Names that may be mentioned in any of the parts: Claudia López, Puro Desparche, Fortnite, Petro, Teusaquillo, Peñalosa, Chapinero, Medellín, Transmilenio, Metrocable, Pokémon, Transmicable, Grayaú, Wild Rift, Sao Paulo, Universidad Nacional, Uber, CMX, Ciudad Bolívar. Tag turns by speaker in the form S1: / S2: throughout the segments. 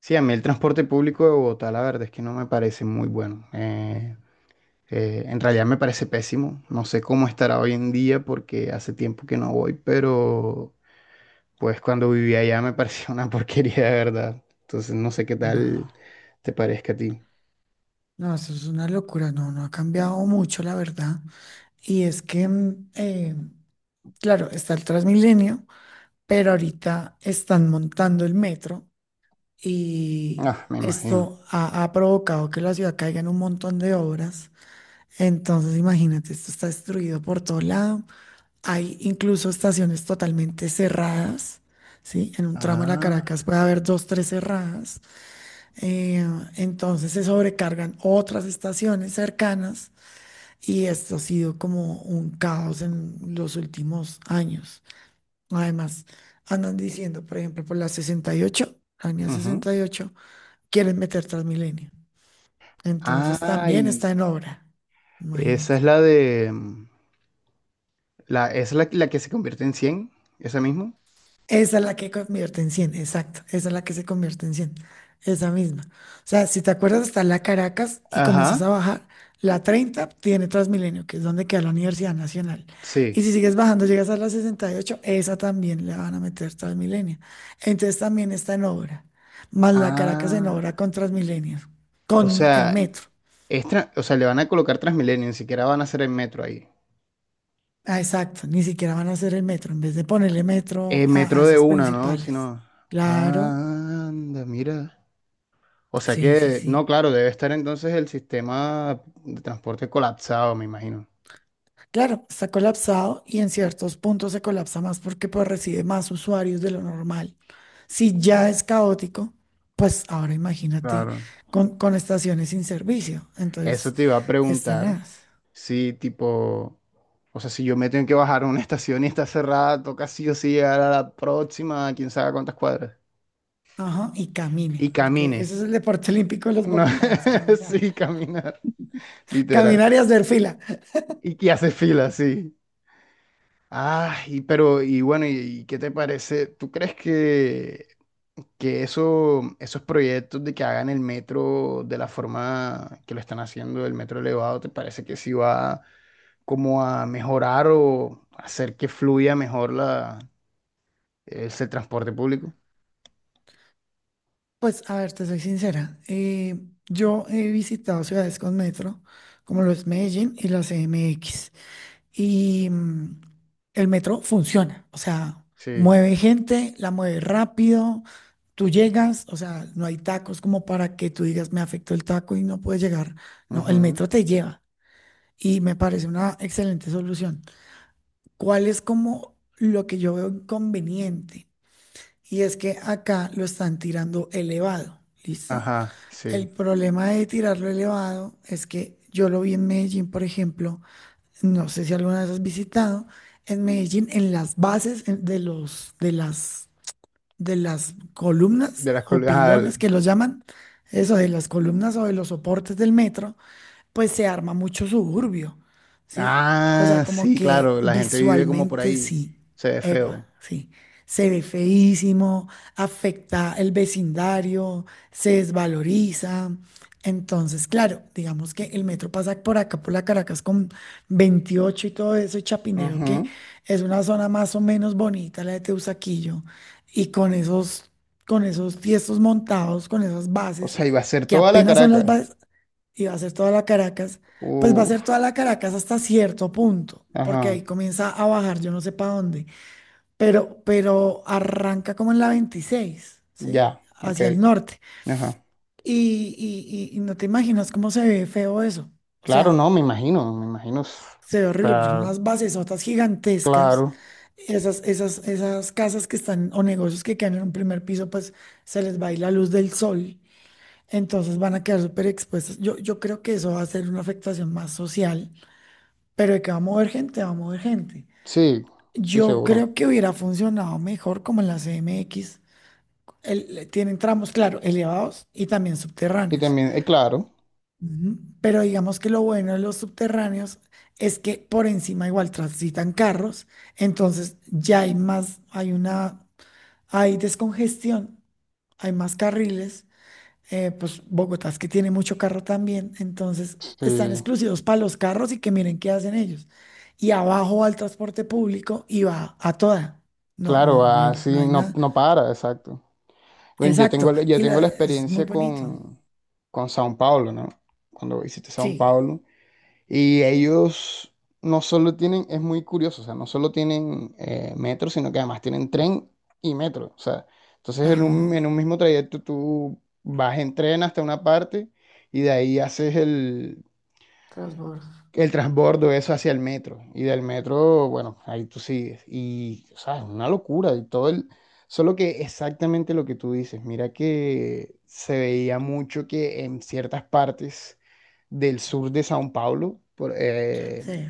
S1: Sí, a mí el transporte público de Bogotá, la verdad es que no me parece muy bueno. En realidad me parece pésimo. No sé cómo estará hoy en día porque hace tiempo que no voy, pero pues cuando vivía allá me parecía una porquería de verdad. Entonces no sé qué
S2: No,
S1: tal te parezca a ti.
S2: no, eso es una locura, no, no ha cambiado mucho, la verdad. Y es que, claro, está el Transmilenio, pero ahorita están montando el metro y
S1: Ah, me imagino.
S2: esto ha provocado que la ciudad caiga en un montón de obras. Entonces, imagínate, esto está destruido por todo lado. Hay incluso estaciones totalmente cerradas, ¿sí? En un tramo de la
S1: Ah,
S2: Caracas puede haber dos, tres cerradas. Eh, entonces se sobrecargan otras estaciones cercanas y esto ha sido como un caos en los últimos años. Además, andan diciendo, por ejemplo, por la 68, la línea
S1: ujú.
S2: 68 quieren meter Transmilenio. Entonces también está
S1: Ay,
S2: en obra,
S1: esa es
S2: imagínate.
S1: la de... mm, La, esa es la, la que se convierte en 100, esa misma.
S2: Esa es la que convierte en 100, exacto. Esa es la que se convierte en 100. Esa misma. O sea, si te acuerdas, está la Caracas y
S1: Ajá,
S2: comienzas a bajar. La 30 tiene Transmilenio, que es donde queda la Universidad Nacional.
S1: sí.
S2: Y si sigues bajando, llegas a la 68, esa también le van a meter Transmilenio. Entonces también está en obra. Más la Caracas en
S1: Ah,
S2: obra con Transmilenio,
S1: o
S2: con el
S1: sea,
S2: metro.
S1: Le van a colocar Transmilenio, ni siquiera van a hacer el metro ahí.
S2: Ah, exacto. Ni siquiera van a hacer el metro, en vez de ponerle metro
S1: El
S2: a
S1: metro de
S2: esas
S1: una, ¿no?
S2: principales.
S1: Sino.
S2: Claro.
S1: Anda, mira. O sea
S2: Sí, sí,
S1: que, no,
S2: sí.
S1: claro, debe estar entonces el sistema de transporte colapsado, me imagino.
S2: Claro, está colapsado y en ciertos puntos se colapsa más porque pues recibe más usuarios de lo normal. Si ya es caótico, pues ahora imagínate
S1: Claro.
S2: con estaciones sin servicio.
S1: Eso
S2: Entonces,
S1: te iba a
S2: es
S1: preguntar
S2: tenaz.
S1: si, tipo, o sea, si yo me tengo que bajar a una estación y está cerrada, toca sí o sí llegar a la próxima, quién sabe cuántas cuadras.
S2: Ajá, y
S1: Y
S2: camine, porque
S1: camine.
S2: ese es el deporte olímpico de los
S1: No,
S2: bogotanos, caminar.
S1: sí, caminar, literal.
S2: Caminar y hacer fila.
S1: Y que hace fila, sí. Ah, y pero, y bueno, y qué te parece? ¿Tú crees que, esos proyectos de que hagan el metro de la forma que lo están haciendo, el metro elevado, ¿te parece que sí va como a mejorar o hacer que fluya mejor ese transporte público?
S2: Pues, a ver, te soy sincera. Yo he visitado ciudades con metro, como lo es Medellín y la CMX. Y el metro funciona, o sea,
S1: Sí.
S2: mueve gente, la mueve rápido, tú llegas, o sea, no hay tacos como para que tú digas, me afectó el taco y no puedes llegar, no, el
S1: Ujú.
S2: metro te lleva y me parece una excelente solución. ¿Cuál es como lo que yo veo inconveniente? Y es que acá lo están tirando elevado, ¿listo?
S1: Ajá, sí.
S2: El problema de tirarlo elevado es que yo lo vi en Medellín, por ejemplo, no sé si alguna vez has visitado, en Medellín, en las bases de los, de las columnas
S1: De las
S2: o
S1: col- ajá, el-
S2: pilones que los llaman, eso, de las columnas o de los soportes del metro, pues se arma mucho suburbio, ¿sí? O sea,
S1: Ah,
S2: como
S1: sí,
S2: que
S1: claro, la gente vive como por
S2: visualmente
S1: ahí.
S2: sí,
S1: Se ve
S2: epa,
S1: feo.
S2: sí. Se ve feísimo, afecta el vecindario, se desvaloriza. Entonces, claro, digamos que el metro pasa por acá, por la Caracas con 28 y todo eso, y Chapinero, que
S1: Ujú.
S2: es una zona más o menos bonita, la de Teusaquillo, y con esos tiestos montados, con esas
S1: O
S2: bases,
S1: sea, iba a ser
S2: que
S1: toda la
S2: apenas son las
S1: Caracas.
S2: bases, y va a ser toda la Caracas, pues va a
S1: Uf.
S2: ser toda la Caracas hasta cierto punto, porque
S1: Ajá,
S2: ahí comienza a bajar, yo no sé para dónde, pero arranca como en la 26, ¿sí?
S1: ya, ok,
S2: Hacia el norte.
S1: ajá.
S2: Y no te imaginas cómo se ve feo eso. O
S1: Claro,
S2: sea,
S1: no, me imagino, me imagino.
S2: se ve horrible, porque son
S1: Pa-
S2: unas basesotas gigantescas.
S1: claro,
S2: Esas casas que están o negocios que quedan en un primer piso, pues se les va a ir la luz del sol, entonces van a quedar súper expuestas. Yo creo que eso va a ser una afectación más social. Pero de que va a mover gente, va a mover gente.
S1: sí, sí,
S2: Yo
S1: seguro.
S2: creo que hubiera funcionado mejor como en la CMX. El- tienen tramos, claro, elevados y también
S1: Y
S2: subterráneos.
S1: también, claro,
S2: Ujú. Pero digamos que lo bueno de los subterráneos es que por encima igual transitan carros, entonces ya hay más, hay una, hay descongestión, hay más carriles. Pues Bogotá es que tiene mucho carro también, entonces están
S1: sí,
S2: exclusivos para los carros y que miren qué hacen ellos. Y abajo va el transporte público y va a toda. No,
S1: claro,
S2: no, no hay,
S1: así
S2: no hay
S1: no,
S2: nada.
S1: no para, exacto. Bueno,
S2: Exacto,
S1: yo
S2: y
S1: tengo
S2: la-
S1: la
S2: es muy
S1: experiencia
S2: bonito.
S1: con Sao Paulo, ¿no? Cuando visité Sao
S2: Sí,
S1: Paulo. Y ellos no solo tienen, es muy curioso, o sea, no solo tienen metro, sino que además tienen tren y metro. O sea, entonces en
S2: ajá.
S1: un, en un mismo trayecto tú vas en tren hasta una parte y de ahí haces el,
S2: Transbordo.
S1: el transbordo eso hacia el metro. Y del metro, bueno, ahí tú sigues. Y, o sea, es una locura. Solo que exactamente lo que tú dices, mira que se veía mucho que en ciertas partes del sur de Sao Paulo, por, eh,
S2: Sí,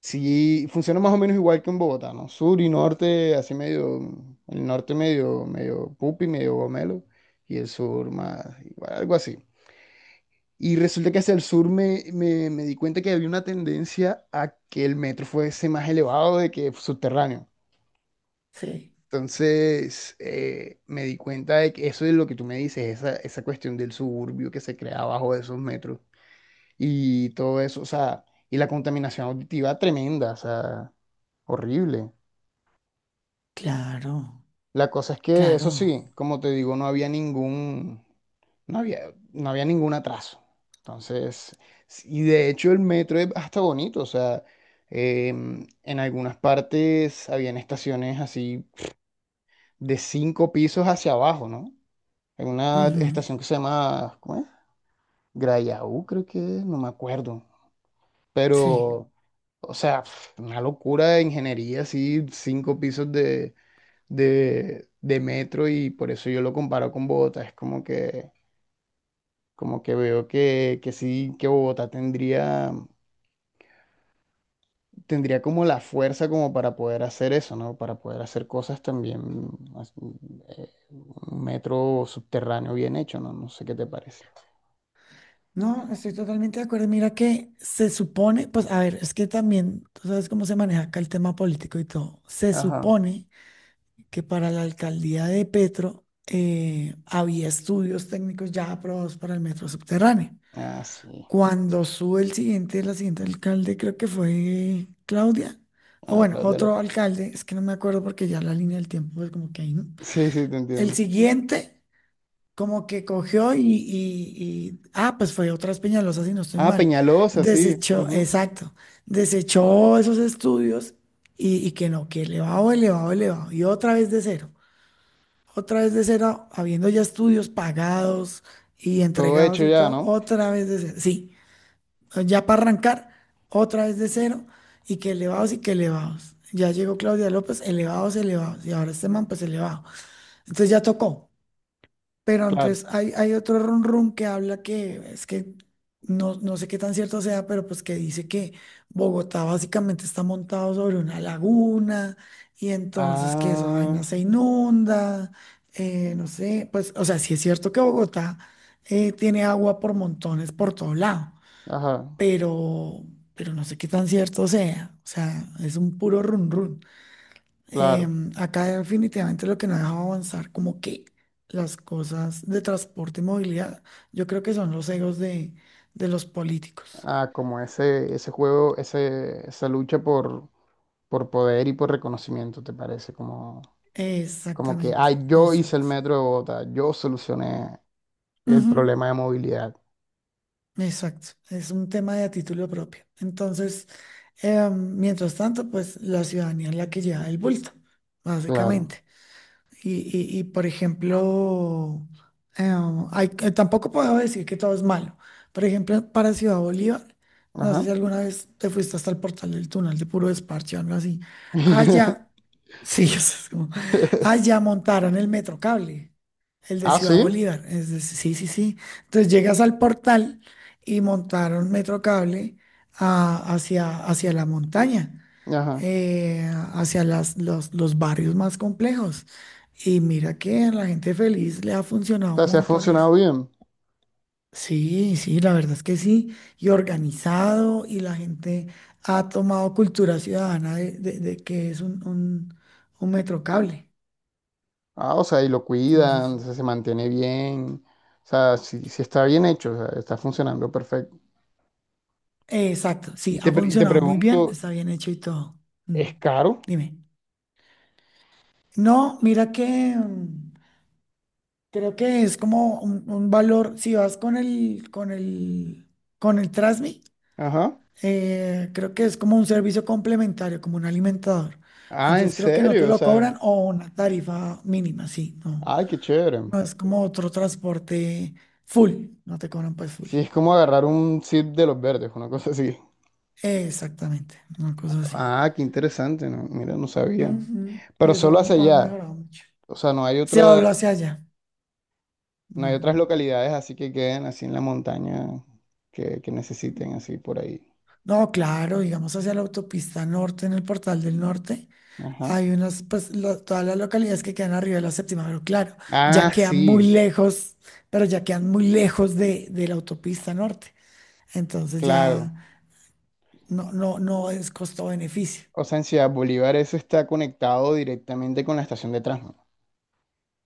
S1: Sí, funciona más o menos igual que en Bogotá, ¿no? Sur y norte, así medio, el norte medio, medio pupi, medio gomelo, y el sur más, igual, algo así. Y resulta que hacia el sur me di cuenta que había una tendencia a que el metro fuese más elevado de que subterráneo.
S2: sí.
S1: Entonces, me di cuenta de que eso es lo que tú me dices, esa cuestión del suburbio que se crea abajo de esos metros y todo eso, o sea, y la contaminación auditiva tremenda, o sea, horrible.
S2: Claro,
S1: La cosa es que, eso
S2: claro.
S1: sí, como te digo, no había ningún atraso. Entonces, y de hecho el metro es hasta bonito, o sea, en algunas partes habían estaciones así de cinco pisos hacia abajo, ¿no? En una
S2: Ujú.
S1: estación que se llama, ¿cómo es? Grayaú, creo que, es, no me acuerdo.
S2: Sí.
S1: Pero, o sea, una locura de ingeniería, así, cinco pisos de metro y por eso yo lo comparo con Bogotá. Es como que veo que sí, que Bogotá tendría como la fuerza como para poder hacer eso, ¿no? Para poder hacer cosas también, as- un metro subterráneo bien hecho, ¿no? No sé qué te parece.
S2: No, estoy totalmente de acuerdo. Mira que se supone, pues a ver, es que también, tú sabes cómo se maneja acá el tema político y todo. Se
S1: Ajá.
S2: supone que para la alcaldía de Petro había estudios técnicos ya aprobados para el metro subterráneo.
S1: Ah, sí.
S2: Cuando sube el siguiente, la siguiente alcalde, creo que fue Claudia, o
S1: Ah,
S2: bueno,
S1: claro, de lo...
S2: otro alcalde, es que no me acuerdo porque ya la línea del tiempo es como que ahí, ¿no?
S1: Sí, sí, te
S2: El
S1: entiendo.
S2: siguiente, como que cogió y, pues fue otras Peñalosas, si no estoy
S1: Ah,
S2: mal,
S1: Peñalosa, sí.
S2: desechó,
S1: Ujú.
S2: exacto, desechó esos estudios y que no, que elevado, elevado, elevado, y otra vez de cero, otra vez de cero, habiendo ya estudios pagados y
S1: Todo
S2: entregados
S1: hecho
S2: y
S1: ya,
S2: todo,
S1: ¿no?
S2: otra vez de cero. Sí, ya para arrancar, otra vez de cero y que elevados y que elevados. Ya llegó Claudia López, elevados, elevados, y ahora este man, pues elevado. Entonces ya tocó. Pero
S1: Claro.
S2: entonces hay otro run run que habla que es que no, no sé qué tan cierto sea, pero pues que dice que Bogotá básicamente está montado sobre una laguna y entonces que esa
S1: Ah,
S2: vaina se inunda, no sé, pues o sea, sí es cierto que Bogotá tiene agua por montones por todo lado,
S1: ajá,
S2: pero, pero no sé qué tan cierto sea, o sea, es un puro run run.
S1: claro.
S2: Acá definitivamente lo que no ha dejado avanzar, como que las cosas de transporte y movilidad, yo creo que son los egos de los políticos.
S1: A como ese juego, esa lucha por poder y por reconocimiento, ¿te parece? Como que,
S2: Exactamente,
S1: ay, yo hice el
S2: exacto.
S1: metro de Bogotá, yo solucioné el
S2: Ujú,
S1: problema de movilidad.
S2: exacto, es un tema de a título propio. Entonces, mientras tanto, pues la ciudadanía es la que lleva el bulto,
S1: Claro.
S2: básicamente. Y, por ejemplo, eh, tampoco puedo decir que todo es malo. Por ejemplo, para Ciudad Bolívar, no sé
S1: Ajá.
S2: si alguna vez te fuiste hasta el portal del túnel de Puro Desparche o algo así. Allá, sí, o sea, es como- allá montaron el metro cable, el de
S1: Ah,
S2: Ciudad
S1: sí.
S2: Bolívar. Es de- sí, sí, sí. Entonces llegas al portal y montaron metro cable hacia la montaña.
S1: Ajá.
S2: Hacia las, los barrios más complejos. Y mira que a la gente feliz le ha
S1: O
S2: funcionado un
S1: sea, se ha
S2: montón
S1: funcionado
S2: eso.
S1: bien.
S2: Sí, sí, la verdad es que sí. Y organizado, y la gente ha tomado cultura ciudadana de, de que es un, un metrocable.
S1: Ah, o sea, y lo
S2: Entonces,
S1: cuidan, se mantiene bien. O sea, si está bien hecho, o sea, está funcionando perfecto.
S2: exacto,
S1: Y
S2: sí,
S1: te,
S2: ha
S1: pre- y te
S2: funcionado muy bien,
S1: pregunto,
S2: está bien hecho y todo. Mm.
S1: ¿es caro?
S2: Dime. No, mira que... creo que es como un valor, si vas con el, con el Trasmi,
S1: Ajá.
S2: creo que es como un servicio complementario, como un alimentador.
S1: Ah, ¿en
S2: Entonces creo que no te
S1: serio? O
S2: lo cobran
S1: sea,
S2: o una tarifa mínima, sí, no.
S1: ay, qué chévere.
S2: No es como otro transporte full, no te cobran pues full.
S1: Sí, es como agarrar un zip de los verdes, una cosa así.
S2: Exactamente, una cosa así.
S1: Ah, qué interesante, ¿no? Mira, no sabía.
S2: Ujú. Y
S1: Pero
S2: eso ha,
S1: solo hacia
S2: ha
S1: allá.
S2: mejorado mucho.
S1: O sea,
S2: Se habló hacia allá,
S1: no hay
S2: no.
S1: otras localidades así que queden así en la montaña que necesiten así por ahí.
S2: No, claro, digamos hacia la autopista norte, en el Portal del Norte,
S1: Ajá.
S2: hay unas, pues todas las localidades que quedan arriba de la séptima, pero claro, ya
S1: Ah,
S2: quedan muy
S1: sí,
S2: lejos, pero ya quedan muy lejos de la autopista norte. Entonces
S1: claro.
S2: ya no, no, no es costo-beneficio.
S1: O sea, en Ciudad Bolívar eso está conectado directamente con la estación de Transmi.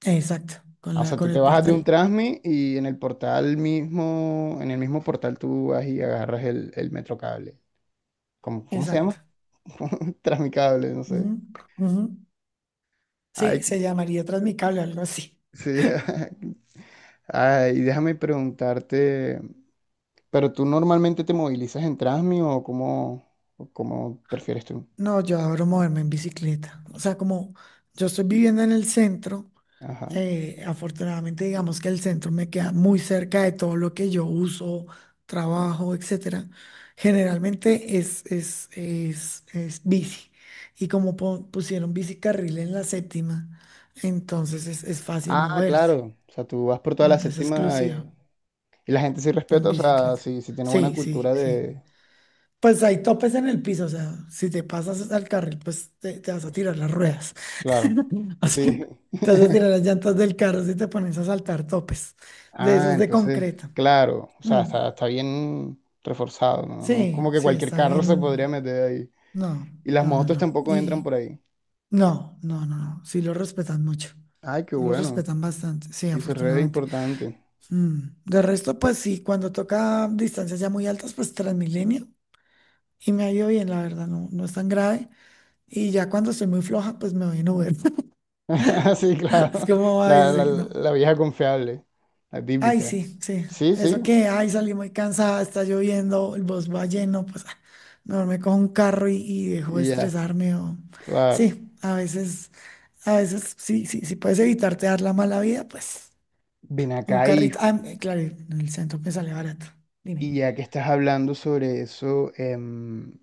S2: Exacto, con
S1: Ah, o
S2: la,
S1: sea,
S2: con
S1: tú te
S2: el
S1: bajas de un
S2: portal.
S1: Transmi y en el portal mismo, en el mismo portal tú vas y agarras el Metrocable. ¿Cómo se
S2: Exacto.
S1: llama? Tras mi cable, no
S2: Ujú,
S1: sé.
S2: ujú.
S1: Ay,
S2: Sí, se llamaría Transmicable, algo así.
S1: sí. Ay, déjame preguntarte, ¿pero tú normalmente te movilizas en Transmi o cómo prefieres tú?
S2: No, yo adoro moverme en bicicleta. O sea, como yo estoy viviendo en el centro.
S1: Ajá.
S2: Afortunadamente, digamos que el centro me queda muy cerca de todo lo que yo uso, trabajo, etcétera. Generalmente es bici. Y como pusieron bicicarril en la séptima, entonces es fácil
S1: Ah,
S2: moverse.
S1: claro. O sea, tú vas por toda la
S2: Mm. Es
S1: séptima
S2: exclusiva
S1: y la gente sí
S2: en
S1: respeta, o sea,
S2: bicicleta.
S1: sí, sí tiene buena
S2: Sí, sí,
S1: cultura
S2: sí.
S1: de...
S2: Pues hay topes en el piso, o sea, si te pasas al carril, pues te vas a
S1: Pues,
S2: tirar las ruedas.
S1: claro.
S2: O
S1: Sí.
S2: sea, te vas a tirar las llantas del carro si te pones a saltar topes, de
S1: Ah,
S2: esos de
S1: entonces,
S2: concreto.
S1: claro. O sea,
S2: Mm.
S1: está bien reforzado, ¿no? No es
S2: Sí,
S1: como que
S2: sí,
S1: cualquier
S2: está
S1: carro se
S2: bien.
S1: podría meter ahí.
S2: No,
S1: Y las
S2: no, no,
S1: motos
S2: no.
S1: tampoco entran
S2: Y
S1: por ahí.
S2: no, no, no, no. Sí lo respetan mucho.
S1: Ay, qué
S2: Sí, lo
S1: bueno.
S2: respetan bastante, sí,
S1: Sí, eso es re
S2: afortunadamente.
S1: importante.
S2: Mm, De resto, pues sí, cuando toca distancias ya muy altas, pues Transmilenio. Y me ha ido bien, la verdad, no, no es tan grave. Y ya cuando estoy muy floja, pues me voy en Uber.
S1: Sí,
S2: Es
S1: claro.
S2: como, ay,
S1: La, la,
S2: sí, no.
S1: la vieja confiable, la
S2: Ay,
S1: típica.
S2: sí, sí.
S1: Sí, sí,
S2: Eso que, ay, salí muy cansada, está lloviendo, el bus va lleno, pues mejor me cojo un carro y dejo de
S1: y ya,
S2: estresarme. O...
S1: claro.
S2: Sí, a veces, sí, sí, si puedes evitarte dar la mala vida, pues
S1: Ven
S2: un
S1: acá,
S2: carrito.
S1: hijo.
S2: Claro, en el centro me sale barato.
S1: Y
S2: Dime.
S1: ya que estás hablando sobre eso,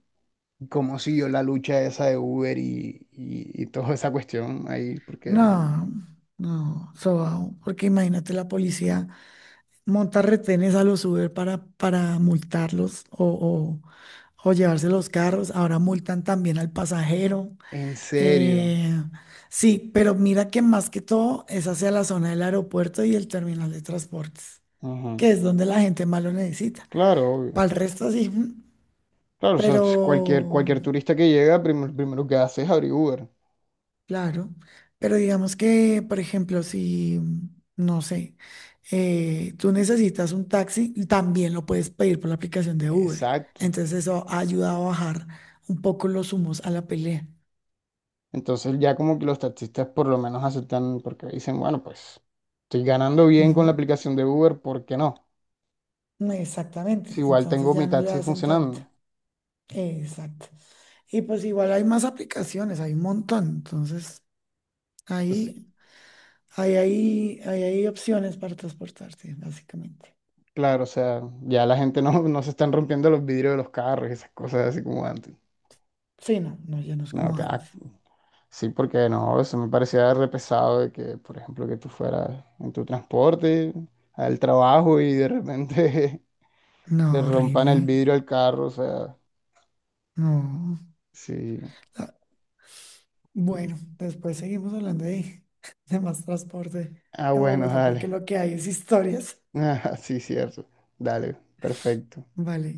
S1: ¿cómo siguió la lucha esa de Uber y toda esa cuestión ahí? Porque,
S2: No, no, sobao, porque imagínate la policía monta retenes a los Uber para multarlos o, o llevarse los carros. Ahora multan también al pasajero.
S1: en serio.
S2: Eh, sí, pero mira que más que todo es hacia la zona del aeropuerto y el terminal de transportes,
S1: Ajá.
S2: que es donde la gente más lo necesita.
S1: Claro, obvio.
S2: Para el resto sí,
S1: Claro, o sea, cualquier,
S2: pero
S1: cualquier turista que llega, primero que hace es abrir Uber.
S2: claro, pero digamos que, por ejemplo, si, no sé, tú necesitas un taxi, y también lo puedes pedir por la aplicación de Uber.
S1: Exacto.
S2: Entonces eso ayuda a bajar un poco los humos a la pelea.
S1: Entonces ya como que los taxistas por lo menos aceptan porque dicen, bueno, pues estoy ganando bien con la aplicación de Uber, ¿por qué no?
S2: Ujú.
S1: Si
S2: Exactamente,
S1: igual
S2: entonces
S1: tengo
S2: ya
S1: mi
S2: no le
S1: taxi
S2: hacen tanto.
S1: funcionando.
S2: Exacto. Y pues igual hay más aplicaciones, hay un montón. Entonces,
S1: Pues,
S2: ahí, ahí hay opciones para transportarse, básicamente.
S1: claro, o sea, ya la gente no, no se están rompiendo los vidrios de los carros y esas cosas así como antes.
S2: Sí, no, no, ya no es
S1: No,
S2: como
S1: que, ah,
S2: antes.
S1: sí, porque no, eso me parecía re pesado de que, por ejemplo, que tú fueras en tu transporte al trabajo y de repente
S2: No,
S1: le rompan el
S2: horrible.
S1: vidrio al carro, o sea,
S2: No.
S1: sí.
S2: Ah, Bueno, después seguimos hablando de, de más transporte
S1: Ah,
S2: en
S1: bueno,
S2: Bogotá, porque
S1: dale.
S2: lo que hay es historias.
S1: Ah, sí, cierto. Dale, perfecto.
S2: Vale.